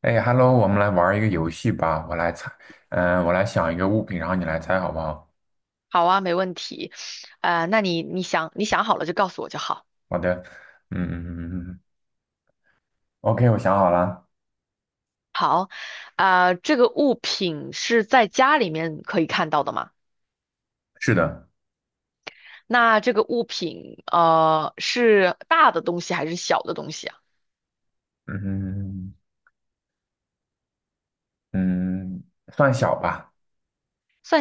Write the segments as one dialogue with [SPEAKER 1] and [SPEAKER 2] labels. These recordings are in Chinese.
[SPEAKER 1] 哎，Hello，我们来玩一个游戏吧。我来猜，我来想一个物品，然后你来猜，好不好？
[SPEAKER 2] 好啊，没问题。那你想好了就告诉我就好。
[SPEAKER 1] 好的，嗯，OK，嗯嗯嗯我想好了。
[SPEAKER 2] 这个物品是在家里面可以看到的吗？
[SPEAKER 1] 是的，
[SPEAKER 2] 那这个物品是大的东西还是小的东西啊？
[SPEAKER 1] 嗯嗯，算小吧，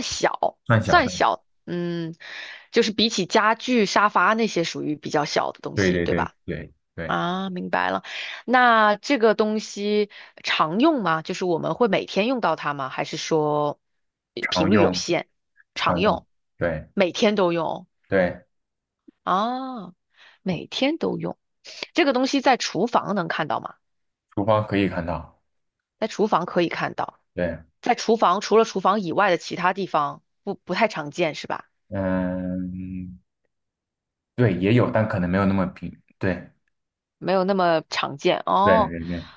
[SPEAKER 2] 小，
[SPEAKER 1] 算小
[SPEAKER 2] 算
[SPEAKER 1] 的。
[SPEAKER 2] 小。嗯，就是比起家具、沙发那些属于比较小的东
[SPEAKER 1] 对
[SPEAKER 2] 西，
[SPEAKER 1] 对
[SPEAKER 2] 对
[SPEAKER 1] 对
[SPEAKER 2] 吧？
[SPEAKER 1] 对对，
[SPEAKER 2] 啊，明白了。那这个东西常用吗？就是我们会每天用到它吗？还是说
[SPEAKER 1] 常
[SPEAKER 2] 频率有
[SPEAKER 1] 用
[SPEAKER 2] 限，
[SPEAKER 1] 常
[SPEAKER 2] 常
[SPEAKER 1] 用，
[SPEAKER 2] 用，
[SPEAKER 1] 对
[SPEAKER 2] 每天都用？
[SPEAKER 1] 对，
[SPEAKER 2] 啊，每天都用。这个东西在厨房能看到吗？
[SPEAKER 1] 厨房可以看到。
[SPEAKER 2] 在厨房可以看到，
[SPEAKER 1] 对，
[SPEAKER 2] 在厨房除了厨房以外的其他地方不太常见是吧？
[SPEAKER 1] 嗯，对，也有，但可能没有那么平。对
[SPEAKER 2] 没有那么常见
[SPEAKER 1] 对
[SPEAKER 2] 哦。
[SPEAKER 1] 对对，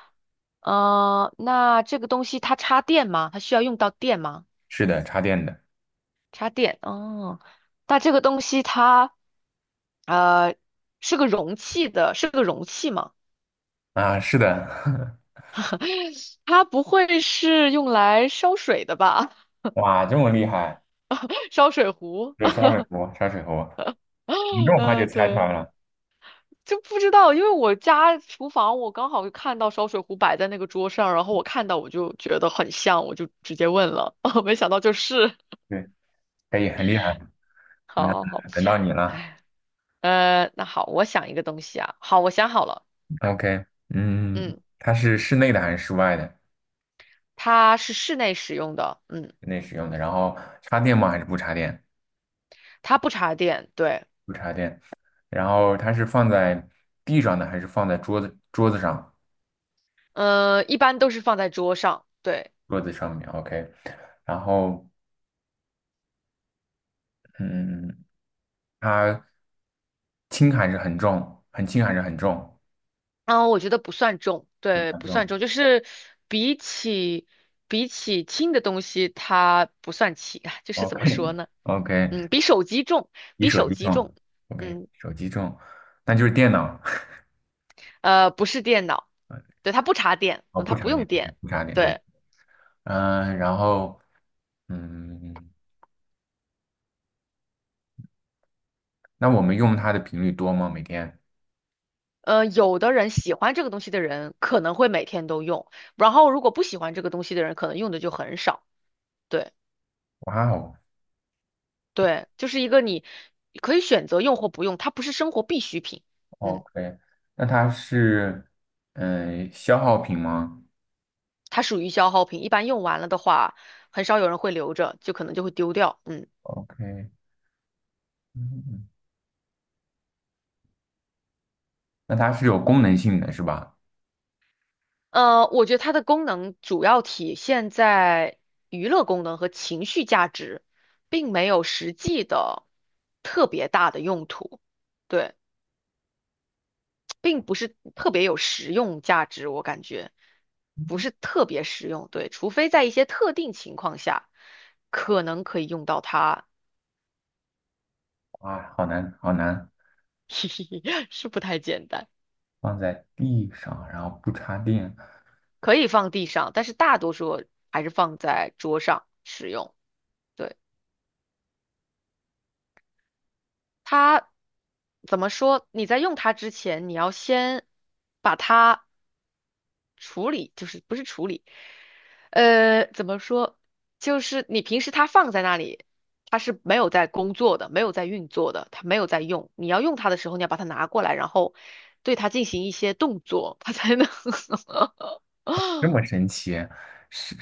[SPEAKER 2] 呃，那这个东西它插电吗？它需要用到电吗？
[SPEAKER 1] 是的，插电的
[SPEAKER 2] 插电哦，那这个东西它，呃，是个容器的，是个容器吗？
[SPEAKER 1] 啊，是的，
[SPEAKER 2] 它不会是用来烧水的吧？
[SPEAKER 1] 哇，这么厉害。
[SPEAKER 2] 烧水壶，
[SPEAKER 1] 对，烧水壶，烧水壶，你这 么快就
[SPEAKER 2] 嗯、
[SPEAKER 1] 猜出
[SPEAKER 2] 对，
[SPEAKER 1] 来了，
[SPEAKER 2] 就不知道，因为我家厨房我刚好看到烧水壶摆在那个桌上，然后我看到我就觉得很像，我就直接问了，没想到就是，
[SPEAKER 1] 对，可以，很厉害。那
[SPEAKER 2] 好好
[SPEAKER 1] 等到你
[SPEAKER 2] 好，
[SPEAKER 1] 了
[SPEAKER 2] 呃，那好，我想一个东西啊，好，我想好了，
[SPEAKER 1] ，OK，嗯，
[SPEAKER 2] 嗯，
[SPEAKER 1] 它是室内的还是室外的？
[SPEAKER 2] 它是室内使用的，嗯。
[SPEAKER 1] 室内使用的，然后插电吗？还是不插电？
[SPEAKER 2] 它不插电，对。
[SPEAKER 1] 不插电。然后它是放在地上的还是放在桌子上？
[SPEAKER 2] 呃，一般都是放在桌上，对。
[SPEAKER 1] 桌子上面，OK。然后，嗯，它轻还是很重？很轻还是很重？
[SPEAKER 2] 然后我觉得不算重，
[SPEAKER 1] 不
[SPEAKER 2] 对，
[SPEAKER 1] 很
[SPEAKER 2] 不算
[SPEAKER 1] 重
[SPEAKER 2] 重，就是比起比起轻的东西，它不算轻，就是怎么说呢？
[SPEAKER 1] ，OK，OK，
[SPEAKER 2] 嗯，比手机重，
[SPEAKER 1] 比
[SPEAKER 2] 比
[SPEAKER 1] 手
[SPEAKER 2] 手
[SPEAKER 1] 机
[SPEAKER 2] 机
[SPEAKER 1] 重
[SPEAKER 2] 重，
[SPEAKER 1] ，OK，
[SPEAKER 2] 嗯，
[SPEAKER 1] 手机重，那就是电脑。
[SPEAKER 2] 呃，不是电脑，对，它不插电，
[SPEAKER 1] 哦，
[SPEAKER 2] 嗯，
[SPEAKER 1] 不
[SPEAKER 2] 它
[SPEAKER 1] 插
[SPEAKER 2] 不
[SPEAKER 1] 电，
[SPEAKER 2] 用
[SPEAKER 1] 对对，
[SPEAKER 2] 电，
[SPEAKER 1] 不插电，对，
[SPEAKER 2] 对。
[SPEAKER 1] 然后，嗯，那我们用它的频率多吗？每天？
[SPEAKER 2] 呃，有的人喜欢这个东西的人可能会每天都用，然后如果不喜欢这个东西的人，可能用的就很少。对。
[SPEAKER 1] 哇哦
[SPEAKER 2] 对，就是一个你可以选择用或不用，它不是生活必需品，嗯，
[SPEAKER 1] ，OK，那它是，消耗品吗
[SPEAKER 2] 它属于消耗品，一般用完了的话，很少有人会留着，就可能就会丢掉，嗯，
[SPEAKER 1] ？OK，嗯，那它是有功能性的，是吧？
[SPEAKER 2] 呃，我觉得它的功能主要体现在娱乐功能和情绪价值，并没有实际的特别大的用途，对，并不是特别有实用价值，我感觉不是特别实用，对，除非在一些特定情况下，可能可以用到它。
[SPEAKER 1] 哇，好难，好难，
[SPEAKER 2] 是不太简单，
[SPEAKER 1] 放在地上，然后不插电，
[SPEAKER 2] 可以放地上，但是大多数还是放在桌上使用。对，它怎么说？你在用它之前，你要先把它处理，就是不是处理，呃，怎么说？就是你平时它放在那里，它是没有在工作的，没有在运作的，它没有在用。你要用它的时候，你要把它拿过来，然后对它进行一些动作，它才能
[SPEAKER 1] 这么神奇？是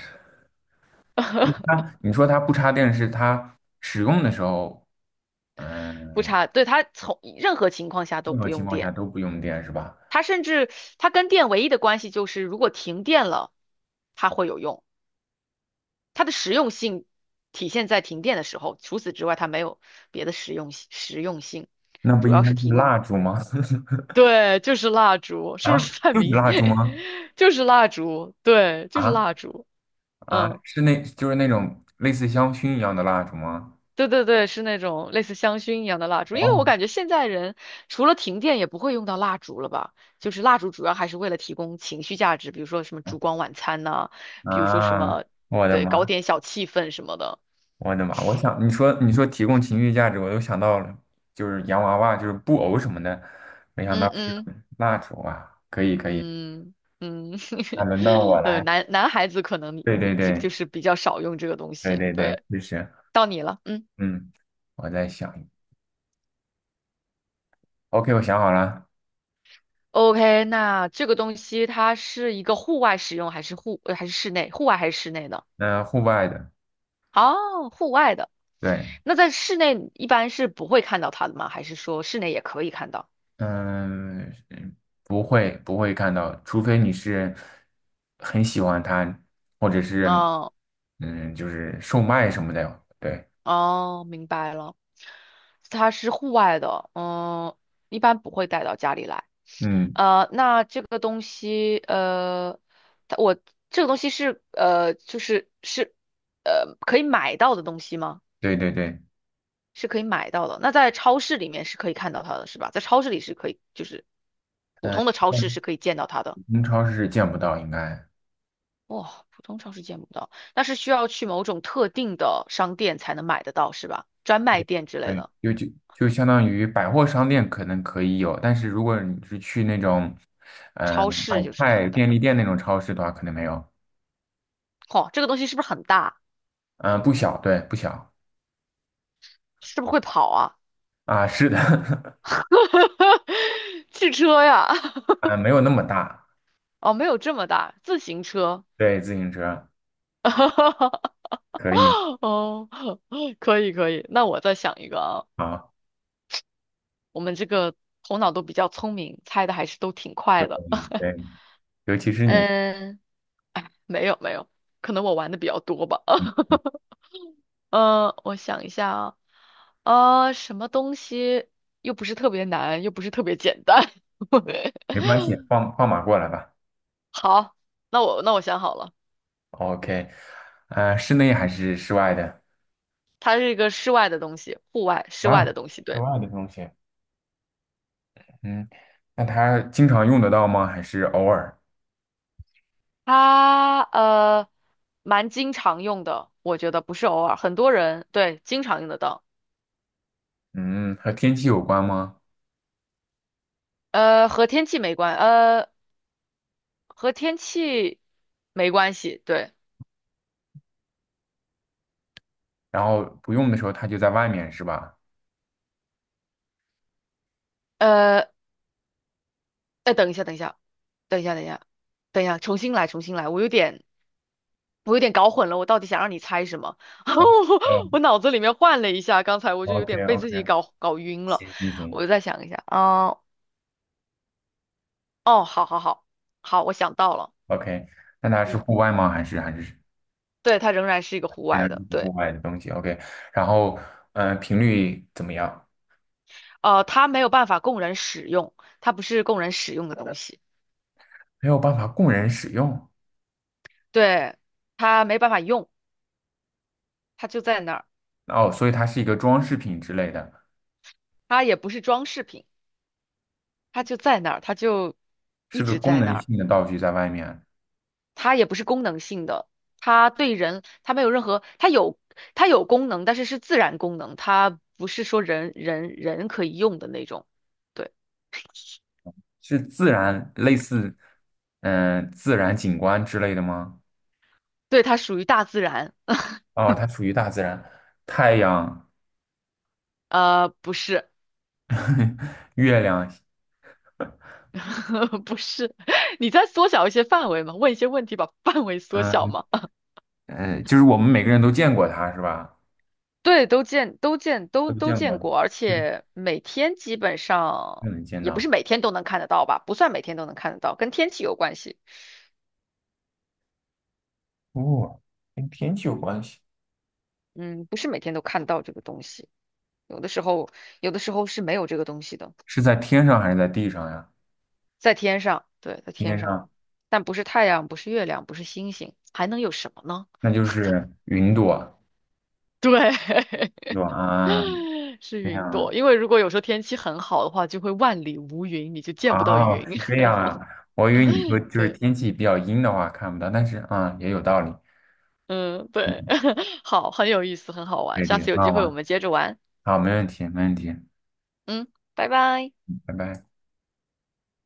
[SPEAKER 1] 嗯它？你说它不插电，是它使用的时候，
[SPEAKER 2] 不
[SPEAKER 1] 嗯、
[SPEAKER 2] 插，对，它从任何情况下都
[SPEAKER 1] 任何
[SPEAKER 2] 不
[SPEAKER 1] 情
[SPEAKER 2] 用
[SPEAKER 1] 况下
[SPEAKER 2] 电，
[SPEAKER 1] 都不用电，是吧？
[SPEAKER 2] 它甚至它跟电唯一的关系就是如果停电了，它会有用，它的实用性体现在停电的时候，除此之外它没有别的实用性，
[SPEAKER 1] 那不
[SPEAKER 2] 主
[SPEAKER 1] 应
[SPEAKER 2] 要
[SPEAKER 1] 该
[SPEAKER 2] 是
[SPEAKER 1] 是
[SPEAKER 2] 提供。
[SPEAKER 1] 蜡烛吗？
[SPEAKER 2] 对，就是蜡烛，是不
[SPEAKER 1] 啊，
[SPEAKER 2] 是太
[SPEAKER 1] 就是
[SPEAKER 2] 明
[SPEAKER 1] 蜡烛
[SPEAKER 2] 显？
[SPEAKER 1] 吗？
[SPEAKER 2] 就是蜡烛，对，就是
[SPEAKER 1] 啊
[SPEAKER 2] 蜡烛，
[SPEAKER 1] 啊，
[SPEAKER 2] 嗯。
[SPEAKER 1] 就是那种类似香薰一样的蜡烛吗？
[SPEAKER 2] 对对对，是那种类似香薰一样的蜡烛，因为
[SPEAKER 1] 哦，
[SPEAKER 2] 我感觉现在人除了停电也不会用到蜡烛了吧？就是蜡烛主要还是为了提供情绪价值，比如说什么烛光晚餐呐、比如说什
[SPEAKER 1] 啊，
[SPEAKER 2] 么，
[SPEAKER 1] 我的
[SPEAKER 2] 对，搞
[SPEAKER 1] 妈，
[SPEAKER 2] 点小气氛什么的。
[SPEAKER 1] 我的妈！我想你说提供情绪价值，我都想到了，就是洋娃娃，就是布偶什么的，没想
[SPEAKER 2] 嗯
[SPEAKER 1] 到是
[SPEAKER 2] 嗯
[SPEAKER 1] 蜡烛啊！可以可以，
[SPEAKER 2] 嗯嗯，
[SPEAKER 1] 那轮到我
[SPEAKER 2] 呃，
[SPEAKER 1] 来。
[SPEAKER 2] 男孩子可能
[SPEAKER 1] 对对
[SPEAKER 2] 就
[SPEAKER 1] 对
[SPEAKER 2] 是比较少用这个东
[SPEAKER 1] 对
[SPEAKER 2] 西。
[SPEAKER 1] 对对，
[SPEAKER 2] 对，
[SPEAKER 1] 就是，
[SPEAKER 2] 到你了，嗯
[SPEAKER 1] 嗯，我在想 o k 我想好了，
[SPEAKER 2] ，OK，那这个东西它是一个户外使用还是还是室内？户外还是室内的？
[SPEAKER 1] 那户外的，
[SPEAKER 2] 哦，户外的。
[SPEAKER 1] 对，
[SPEAKER 2] 那在室内一般是不会看到它的吗？还是说室内也可以看到？
[SPEAKER 1] 嗯，不会看到，除非你是很喜欢它，或者是，
[SPEAKER 2] 哦
[SPEAKER 1] 就是售卖什么的。对，
[SPEAKER 2] 哦，明白了，它是户外的，嗯，一般不会带到家里来。
[SPEAKER 1] 嗯，
[SPEAKER 2] 呃，那这个东西，呃，它我这个东西是可以买到的东西吗？
[SPEAKER 1] 对对对，
[SPEAKER 2] 是可以买到的。那在超市里面是可以看到它的，是吧？在超市里是可以，就是普
[SPEAKER 1] 呃，
[SPEAKER 2] 通的超市
[SPEAKER 1] 普
[SPEAKER 2] 是可以见到它的。
[SPEAKER 1] 通超市是见不到，应该
[SPEAKER 2] 哇，普通超市见不到，那是需要去某种特定的商店才能买得到，是吧？专卖
[SPEAKER 1] 对
[SPEAKER 2] 店之类
[SPEAKER 1] 对，
[SPEAKER 2] 的，
[SPEAKER 1] 就相当于百货商店可能可以有，但是如果你是去那种
[SPEAKER 2] 超市
[SPEAKER 1] 买
[SPEAKER 2] 就是看
[SPEAKER 1] 菜
[SPEAKER 2] 不到。
[SPEAKER 1] 便利店那种超市的话，可能没有。
[SPEAKER 2] 哦，这个东西是不是很大？
[SPEAKER 1] 嗯、不小，对，不小
[SPEAKER 2] 是不是会跑啊？
[SPEAKER 1] 啊，是的，
[SPEAKER 2] 汽车呀？
[SPEAKER 1] 啊，没有那么大。
[SPEAKER 2] 哦，没有这么大，自行车。
[SPEAKER 1] 对，自行车 可以，
[SPEAKER 2] 哦，可以可以，那我再想一个啊。
[SPEAKER 1] 好。
[SPEAKER 2] 我们这个头脑都比较聪明，猜的还是都挺
[SPEAKER 1] 对
[SPEAKER 2] 快的。
[SPEAKER 1] 对，尤其是你，
[SPEAKER 2] 嗯，哎，没有没有，可能我玩的比较多吧。
[SPEAKER 1] 嗯，
[SPEAKER 2] 呃，我想一下啊，呃，什么东西又不是特别难，又不是特别简单？
[SPEAKER 1] 没关系，放马过来吧。
[SPEAKER 2] 好，那我想好了，
[SPEAKER 1] OK，啊、室内还是室外的？
[SPEAKER 2] 它是一个室外的东西，户外室外
[SPEAKER 1] 啊，
[SPEAKER 2] 的东西，
[SPEAKER 1] 室
[SPEAKER 2] 对，
[SPEAKER 1] 外的东西，嗯，那它经常用得到吗？还是偶尔？
[SPEAKER 2] 它蛮经常用的，我觉得不是偶尔，很多人对经常用得到，
[SPEAKER 1] 嗯，和天气有关吗？
[SPEAKER 2] 呃，和天气没关，呃，和天气没关系，对，
[SPEAKER 1] 然后不用的时候它就在外面是吧？
[SPEAKER 2] 呃，哎，等一下，等一下，等一下，重新来，重新来，我有点。我有点搞混了，我到底想让你猜什么？
[SPEAKER 1] 嗯
[SPEAKER 2] 我
[SPEAKER 1] 嗯
[SPEAKER 2] 我脑子里面换了一下，刚才我就有
[SPEAKER 1] ，OK
[SPEAKER 2] 点被自己
[SPEAKER 1] OK，
[SPEAKER 2] 搞晕了，
[SPEAKER 1] 行行
[SPEAKER 2] 我
[SPEAKER 1] 行
[SPEAKER 2] 就再想一下，哦，好好好，好，我想到了，
[SPEAKER 1] ，OK，那它是
[SPEAKER 2] 嗯，
[SPEAKER 1] 户外吗？还是
[SPEAKER 2] 对，它仍然是一个户
[SPEAKER 1] 仍然
[SPEAKER 2] 外的，
[SPEAKER 1] 是
[SPEAKER 2] 对，
[SPEAKER 1] 户外的东西？OK，然后频率怎么样？
[SPEAKER 2] 呃，它没有办法供人使用，它不是供人使用的东西，
[SPEAKER 1] 没有办法供人使用。
[SPEAKER 2] 对，它没办法用，它就在那儿，
[SPEAKER 1] 哦，所以它是一个装饰品之类的，
[SPEAKER 2] 它也不是装饰品，它就在那儿，它就
[SPEAKER 1] 是
[SPEAKER 2] 一
[SPEAKER 1] 个
[SPEAKER 2] 直
[SPEAKER 1] 功
[SPEAKER 2] 在那
[SPEAKER 1] 能
[SPEAKER 2] 儿。
[SPEAKER 1] 性的道具在外面，
[SPEAKER 2] 它也不是功能性的，它对人，它没有任何，它有功能，但是是自然功能，它不是说人可以用的那种。对，
[SPEAKER 1] 是自然类似，自然景观之类的吗？
[SPEAKER 2] 对，它属于大自然。
[SPEAKER 1] 哦，它属于大自然，太阳、
[SPEAKER 2] 呃，不是，
[SPEAKER 1] 月亮，
[SPEAKER 2] 不是，你在缩小一些范围嘛，问一些问题，把范围缩小
[SPEAKER 1] 嗯
[SPEAKER 2] 嘛，
[SPEAKER 1] 就是我们每个人都见过它是吧？
[SPEAKER 2] 对，
[SPEAKER 1] 都
[SPEAKER 2] 都
[SPEAKER 1] 见过
[SPEAKER 2] 见
[SPEAKER 1] 的，
[SPEAKER 2] 过，而
[SPEAKER 1] 就是
[SPEAKER 2] 且每天基本
[SPEAKER 1] 就
[SPEAKER 2] 上
[SPEAKER 1] 能见
[SPEAKER 2] 也不
[SPEAKER 1] 到。
[SPEAKER 2] 是每天都能看得到吧，不算每天都能看得到，跟天气有关系。
[SPEAKER 1] 哦，跟天气有关系，
[SPEAKER 2] 嗯，不是每天都看到这个东西。有的时候，有的时候是没有这个东西的，
[SPEAKER 1] 是在天上还是在地上呀？
[SPEAKER 2] 在天上，对，在
[SPEAKER 1] 天
[SPEAKER 2] 天上，
[SPEAKER 1] 上，
[SPEAKER 2] 但不是太阳，不是月亮，不是星星，还能有什么呢？
[SPEAKER 1] 那就是云朵，
[SPEAKER 2] 对，
[SPEAKER 1] 对吧？啊，
[SPEAKER 2] 是
[SPEAKER 1] 这
[SPEAKER 2] 云朵。
[SPEAKER 1] 样。
[SPEAKER 2] 因为如果有时候天气很好的话，就会万里无云，你就见不到
[SPEAKER 1] 哦，
[SPEAKER 2] 云。
[SPEAKER 1] 是这样啊，我以为你说 就是
[SPEAKER 2] 对，
[SPEAKER 1] 天气比较阴的话看不到，但是啊，也有道理。
[SPEAKER 2] 嗯，
[SPEAKER 1] 嗯，
[SPEAKER 2] 对，好，很有意思，很好玩。
[SPEAKER 1] 对
[SPEAKER 2] 下
[SPEAKER 1] 对，很
[SPEAKER 2] 次有
[SPEAKER 1] 好
[SPEAKER 2] 机会我
[SPEAKER 1] 玩。
[SPEAKER 2] 们接着玩。
[SPEAKER 1] 好，没问题，没问题，
[SPEAKER 2] 嗯，拜拜。
[SPEAKER 1] 拜拜。